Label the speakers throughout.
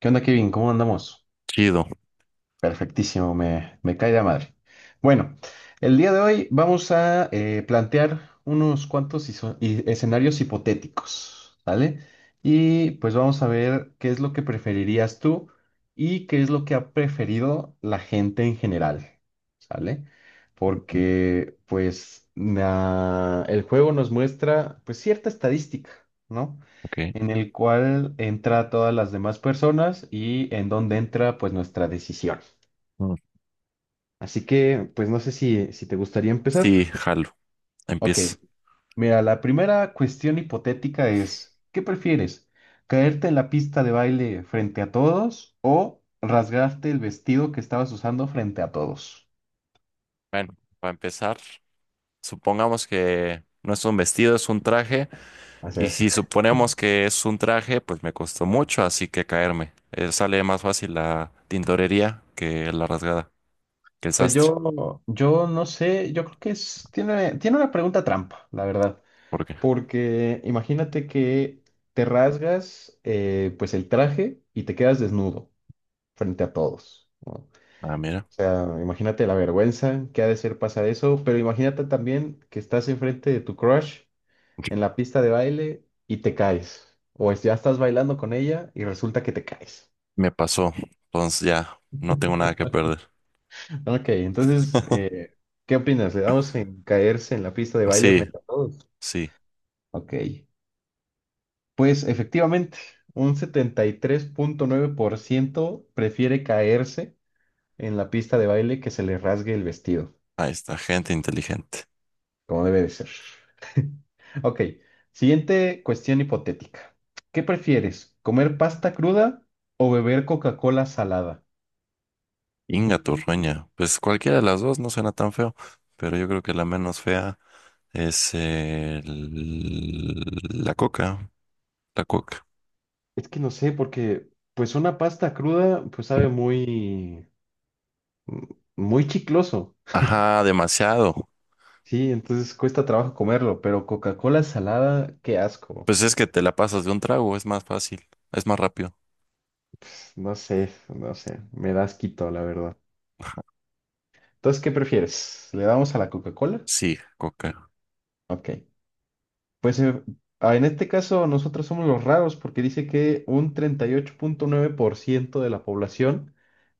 Speaker 1: ¿Qué onda, Kevin? ¿Cómo andamos?
Speaker 2: Chido.
Speaker 1: Perfectísimo, me cae de la madre. Bueno, el día de hoy vamos a plantear unos cuantos escenarios hipotéticos, ¿vale? Y pues vamos a ver qué es lo que preferirías tú y qué es lo que ha preferido la gente en general, ¿sale?
Speaker 2: Mm,
Speaker 1: Porque pues el juego nos muestra pues cierta estadística, ¿no?
Speaker 2: Ok.
Speaker 1: En el cual entra todas las demás personas y en donde entra pues nuestra decisión.
Speaker 2: Mm.
Speaker 1: Así que pues no sé si te gustaría empezar.
Speaker 2: Sí, jalo.
Speaker 1: Ok,
Speaker 2: Empiezo.
Speaker 1: mira, la primera cuestión hipotética es, ¿qué prefieres? ¿Caerte en la pista de baile frente a todos o rasgarte el vestido que estabas usando frente a todos?
Speaker 2: Bueno, para empezar, supongamos que no es un vestido, es un traje.
Speaker 1: Así
Speaker 2: Y
Speaker 1: es.
Speaker 2: si suponemos que es un traje, pues me costó mucho, así que caerme. Sale más fácil la tintorería que la rasgada, que el
Speaker 1: Pues
Speaker 2: sastre.
Speaker 1: yo no sé, yo creo que es, tiene una pregunta trampa, la verdad.
Speaker 2: ¿Por qué?
Speaker 1: Porque imagínate que te rasgas pues el traje y te quedas desnudo frente a todos, ¿no? O
Speaker 2: Ah, mira.
Speaker 1: sea, imagínate la vergüenza que ha de ser pasar eso, pero imagínate también que estás enfrente de tu crush en la pista de baile y te caes. Ya estás bailando con ella y resulta que te caes.
Speaker 2: Me pasó. Entonces ya no tengo nada que perder.
Speaker 1: Ok, entonces, ¿qué opinas? ¿Le damos en caerse en la pista de baile
Speaker 2: Sí,
Speaker 1: frente a todos?
Speaker 2: sí.
Speaker 1: Ok. Pues efectivamente, un 73.9% prefiere caerse en la pista de baile que se le rasgue el vestido,
Speaker 2: Ahí está, gente inteligente.
Speaker 1: como debe de ser. Ok, siguiente cuestión hipotética. ¿Qué prefieres, comer pasta cruda o beber Coca-Cola salada?
Speaker 2: Inga Turrueña. Pues cualquiera de las dos no suena tan feo, pero yo creo que la menos fea es la coca. La coca.
Speaker 1: Es que no sé, porque pues una pasta cruda pues sabe muy, muy chicloso.
Speaker 2: Ajá, demasiado.
Speaker 1: Sí, entonces cuesta trabajo comerlo, pero Coca-Cola salada, qué asco.
Speaker 2: Pues es que te la pasas de un trago, es más fácil, es más rápido.
Speaker 1: No sé, no sé, me da asquito, la verdad. Entonces, ¿qué prefieres? ¿Le damos a la Coca-Cola?
Speaker 2: Sí, coca.
Speaker 1: Ok. Pues en este caso nosotros somos los raros porque dice que un 38.9% de la población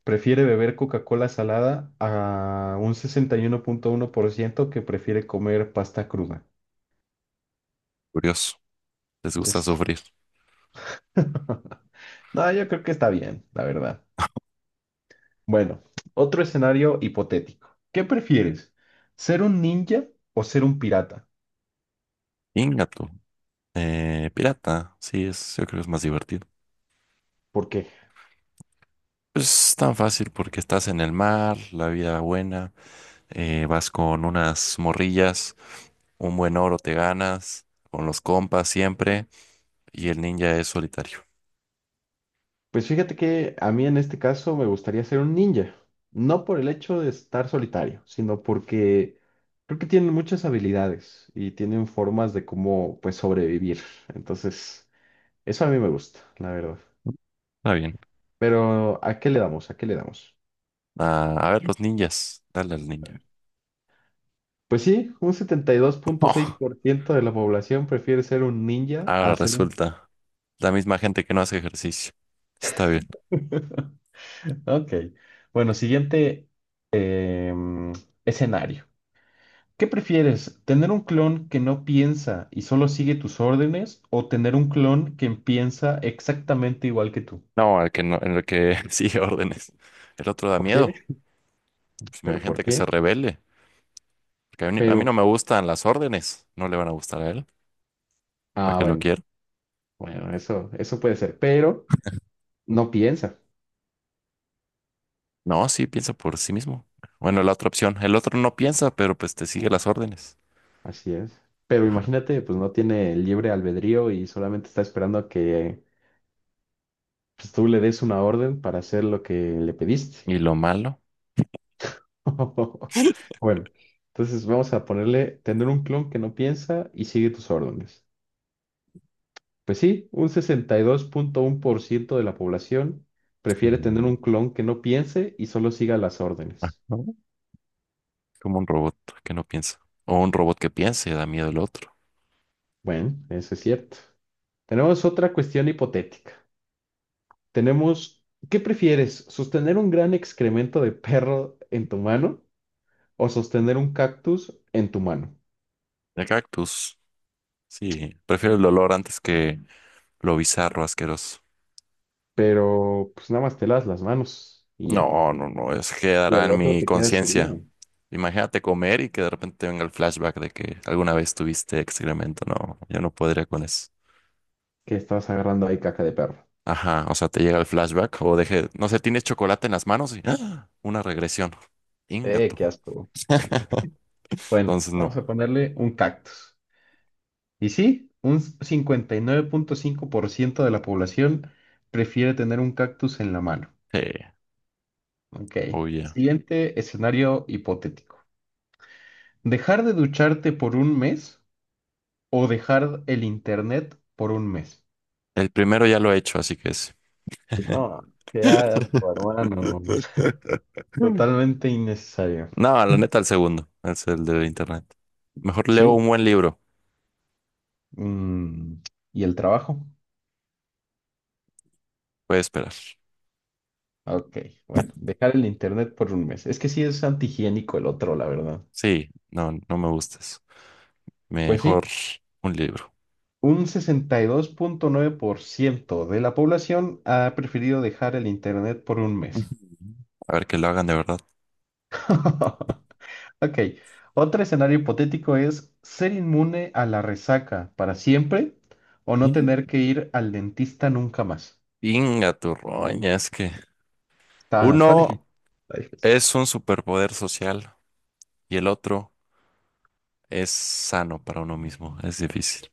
Speaker 1: prefiere beber Coca-Cola salada a un sesenta y uno punto uno por ciento que prefiere comer pasta cruda.
Speaker 2: Curioso. Les gusta
Speaker 1: Es...
Speaker 2: sufrir.
Speaker 1: No, yo creo que está bien, la verdad. Bueno, otro escenario hipotético. ¿Qué prefieres? ¿Ser un ninja o ser un pirata?
Speaker 2: Ingato. Pirata. Sí, yo creo que es más divertido.
Speaker 1: Porque
Speaker 2: Pues es tan fácil porque estás en el mar, la vida buena, vas con unas morrillas. Un buen oro te ganas, con los compas siempre, y el ninja es solitario.
Speaker 1: pues fíjate que a mí en este caso me gustaría ser un ninja, no por el hecho de estar solitario, sino porque creo que tienen muchas habilidades y tienen formas de cómo pues sobrevivir. Entonces, eso a mí me gusta, la verdad.
Speaker 2: Está bien.
Speaker 1: Pero ¿a qué le damos? ¿A qué le damos?
Speaker 2: Ah, a ver, los ninjas. Dale al ninja.
Speaker 1: Pues sí, un setenta y dos punto seis
Speaker 2: Oh,
Speaker 1: por ciento de la población prefiere ser un ninja
Speaker 2: ahora
Speaker 1: a ser un...
Speaker 2: resulta la misma gente que no hace ejercicio. Está bien.
Speaker 1: Ok. Bueno, siguiente em, escenario. ¿Qué prefieres? ¿Tener un clon que no piensa y solo sigue tus órdenes o tener un clon que piensa exactamente igual que tú?
Speaker 2: No, el que no, el que sigue órdenes. El otro da
Speaker 1: ¿Por qué?
Speaker 2: miedo. Pues
Speaker 1: ¿Pero por
Speaker 2: imagínate que se
Speaker 1: qué?
Speaker 2: rebele. Porque a mí
Speaker 1: Pero,
Speaker 2: no me gustan las órdenes. No le van a gustar a él. ¿Para
Speaker 1: ah,
Speaker 2: qué lo
Speaker 1: bueno,
Speaker 2: quiero?
Speaker 1: bueno, eso puede ser, pero no piensa.
Speaker 2: No, sí, piensa por sí mismo. Bueno, la otra opción. El otro no piensa, pero pues te sigue
Speaker 1: No.
Speaker 2: las órdenes.
Speaker 1: Así es. Pero imagínate, pues no tiene libre albedrío y solamente está esperando a que pues, tú le des una orden para hacer lo que le pediste.
Speaker 2: ¿Y lo malo?
Speaker 1: Bueno, entonces vamos a ponerle tener un clon que no piensa y sigue tus órdenes. Pues sí, un 62.1% de la población prefiere tener
Speaker 2: Sí.
Speaker 1: un clon que no piense y solo siga las órdenes.
Speaker 2: Ajá. Como un robot que no piensa. O un robot que piense, da miedo el otro.
Speaker 1: Bueno, eso es cierto. Tenemos otra cuestión hipotética. Tenemos, ¿qué prefieres? ¿Sostener un gran excremento de perro en tu mano o sostener un cactus en tu mano?
Speaker 2: De cactus. Sí, prefiero el olor antes que lo bizarro, asqueroso.
Speaker 1: Pero pues nada más te las manos y ya.
Speaker 2: No, no, no, eso
Speaker 1: Y
Speaker 2: quedará
Speaker 1: al
Speaker 2: en
Speaker 1: otro
Speaker 2: mi
Speaker 1: te quedas
Speaker 2: conciencia.
Speaker 1: herido.
Speaker 2: Imagínate comer y que de repente venga el flashback de que alguna vez tuviste excremento. No, yo no podría con eso.
Speaker 1: Que estabas agarrando ahí caca de perro.
Speaker 2: Ajá, o sea, te llega el flashback o deje, no sé, tienes chocolate en las manos y ¡ah! Una regresión. Ingato.
Speaker 1: Qué asco. Bueno,
Speaker 2: Entonces,
Speaker 1: vamos
Speaker 2: no.
Speaker 1: a ponerle un cactus. Y sí, un 59.5% de la población prefiere tener un cactus en la mano.
Speaker 2: Sí,
Speaker 1: Ok.
Speaker 2: oye.
Speaker 1: Siguiente escenario hipotético. ¿Dejar de ducharte por un mes o dejar el internet por un mes?
Speaker 2: El primero ya lo he hecho, así que es.
Speaker 1: No, qué asco, hermano. Totalmente innecesario.
Speaker 2: No, la neta, el segundo. Es el de internet. Mejor leo un
Speaker 1: ¿Sí?
Speaker 2: buen libro.
Speaker 1: Mm, ¿Y el trabajo?
Speaker 2: Voy a esperar.
Speaker 1: Ok, bueno, dejar el internet por un mes. Es que sí es antihigiénico el otro, la verdad.
Speaker 2: Sí, no, no me gustas.
Speaker 1: Pues
Speaker 2: Mejor
Speaker 1: sí,
Speaker 2: un libro.
Speaker 1: un 62.9% de la población ha preferido dejar el Internet por un
Speaker 2: Ujú.
Speaker 1: mes.
Speaker 2: A ver que lo hagan de verdad.
Speaker 1: Ok, otro escenario hipotético es ser inmune a la resaca para siempre o no
Speaker 2: Ujú.
Speaker 1: tener que ir al dentista nunca más.
Speaker 2: Inga tu roña, es que
Speaker 1: Está difícil.
Speaker 2: uno
Speaker 1: Está difícil.
Speaker 2: es un superpoder social y el otro es sano para uno mismo. Es difícil.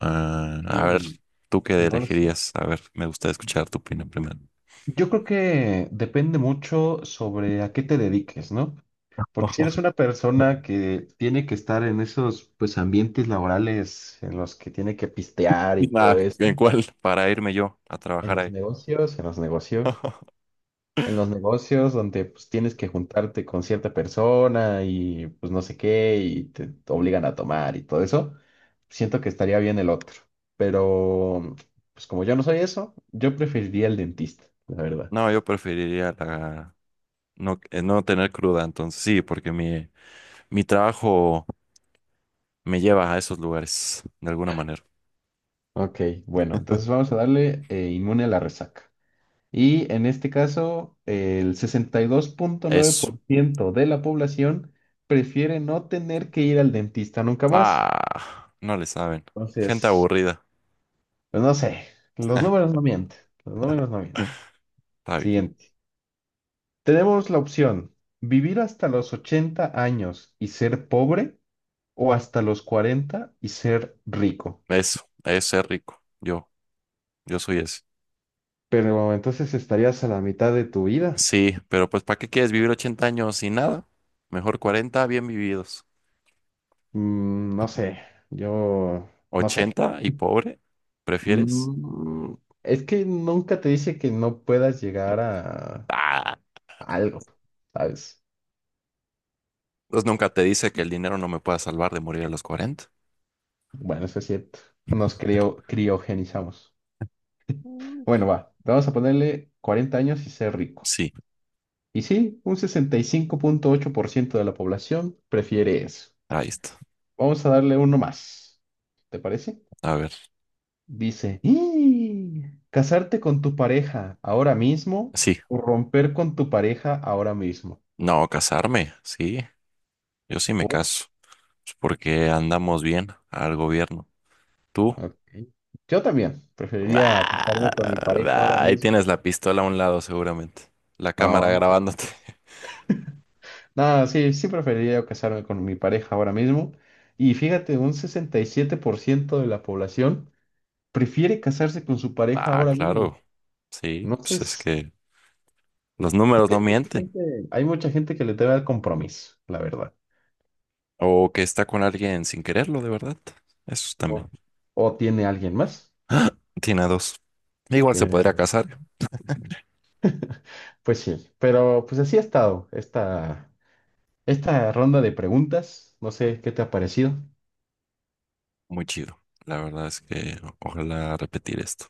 Speaker 2: Ah, a
Speaker 1: Que,
Speaker 2: ver, ¿tú qué
Speaker 1: no lo sé.
Speaker 2: elegirías? A ver, me gusta escuchar tu opinión primero.
Speaker 1: Yo creo que depende mucho sobre a qué te dediques, ¿no? Porque si eres una persona que tiene que estar en esos pues ambientes laborales en los que tiene que pistear y
Speaker 2: Ah,
Speaker 1: todo
Speaker 2: ¿en
Speaker 1: eso,
Speaker 2: cuál? Para irme yo a
Speaker 1: en
Speaker 2: trabajar
Speaker 1: los
Speaker 2: ahí.
Speaker 1: negocios, en los negocios, en los negocios donde pues tienes que juntarte con cierta persona y pues no sé qué y te obligan a tomar y todo eso, siento que estaría bien el otro. Pero pues como yo no soy eso, yo preferiría el dentista, la verdad.
Speaker 2: No, yo preferiría la, no, no tener cruda, entonces sí, porque mi trabajo me lleva a esos lugares, de alguna manera.
Speaker 1: Ok, bueno, entonces vamos a darle inmune a la resaca. Y en este caso, el sesenta y dos punto nueve
Speaker 2: Eso.
Speaker 1: por ciento de la población prefiere no tener que ir al dentista nunca más.
Speaker 2: Ah, no le saben. Gente
Speaker 1: Entonces,
Speaker 2: aburrida.
Speaker 1: pues no sé, los números no mienten, los números no mienten.
Speaker 2: Está bien.
Speaker 1: Siguiente. Tenemos la opción, vivir hasta los 80 años y ser pobre o hasta los 40 y ser rico.
Speaker 2: Eso, ese es rico. Yo soy ese.
Speaker 1: Pero entonces estarías a la mitad de tu vida.
Speaker 2: Sí, pero pues ¿para qué quieres vivir 80 años sin nada? Mejor 40 bien vividos.
Speaker 1: No sé, yo no sé.
Speaker 2: 80 y pobre, ¿prefieres?
Speaker 1: Mm, es que nunca te dice que no puedas llegar
Speaker 2: Ah,
Speaker 1: a algo, ¿sabes?
Speaker 2: pues nunca te dice que el dinero no me pueda salvar de morir a los 40.
Speaker 1: Bueno, eso es cierto. Nos criogenizamos.
Speaker 2: Uy.
Speaker 1: Bueno, va, vamos a ponerle 40 años y ser rico.
Speaker 2: Sí,
Speaker 1: Y sí, un 65.8% de la población prefiere eso.
Speaker 2: ahí está.
Speaker 1: Vamos a darle uno más. ¿Te parece?
Speaker 2: A ver.
Speaker 1: Dice, "¡Ih! ¿Casarte con tu pareja ahora mismo
Speaker 2: Sí,
Speaker 1: o romper con tu pareja ahora mismo?
Speaker 2: no, casarme, sí, yo sí me caso, pues porque andamos bien al gobierno. ¿Tú?
Speaker 1: Ok. Yo también preferiría casarme con mi pareja ahora
Speaker 2: Ah, ahí
Speaker 1: mismo.
Speaker 2: tienes la pistola a un lado seguramente, la cámara
Speaker 1: No, no. ¿Cómo
Speaker 2: grabándote.
Speaker 1: crees? No, sí, sí preferiría casarme con mi pareja ahora mismo. Y fíjate, un 67% de la población prefiere casarse con su pareja
Speaker 2: Ah,
Speaker 1: ahora mismo.
Speaker 2: claro, sí,
Speaker 1: No sé,
Speaker 2: pues es que los
Speaker 1: es
Speaker 2: números
Speaker 1: que
Speaker 2: no mienten.
Speaker 1: hay mucha gente que le teme al compromiso, la verdad.
Speaker 2: O que está con alguien sin quererlo, de verdad. Eso
Speaker 1: O,
Speaker 2: también.
Speaker 1: o tiene alguien más.
Speaker 2: Tiene a dos. Igual se
Speaker 1: Tiene a-
Speaker 2: podría casar.
Speaker 1: Pues sí, pero pues así ha estado esta ronda de preguntas. No sé qué te ha parecido.
Speaker 2: Muy chido. La verdad es que ojalá repetir esto.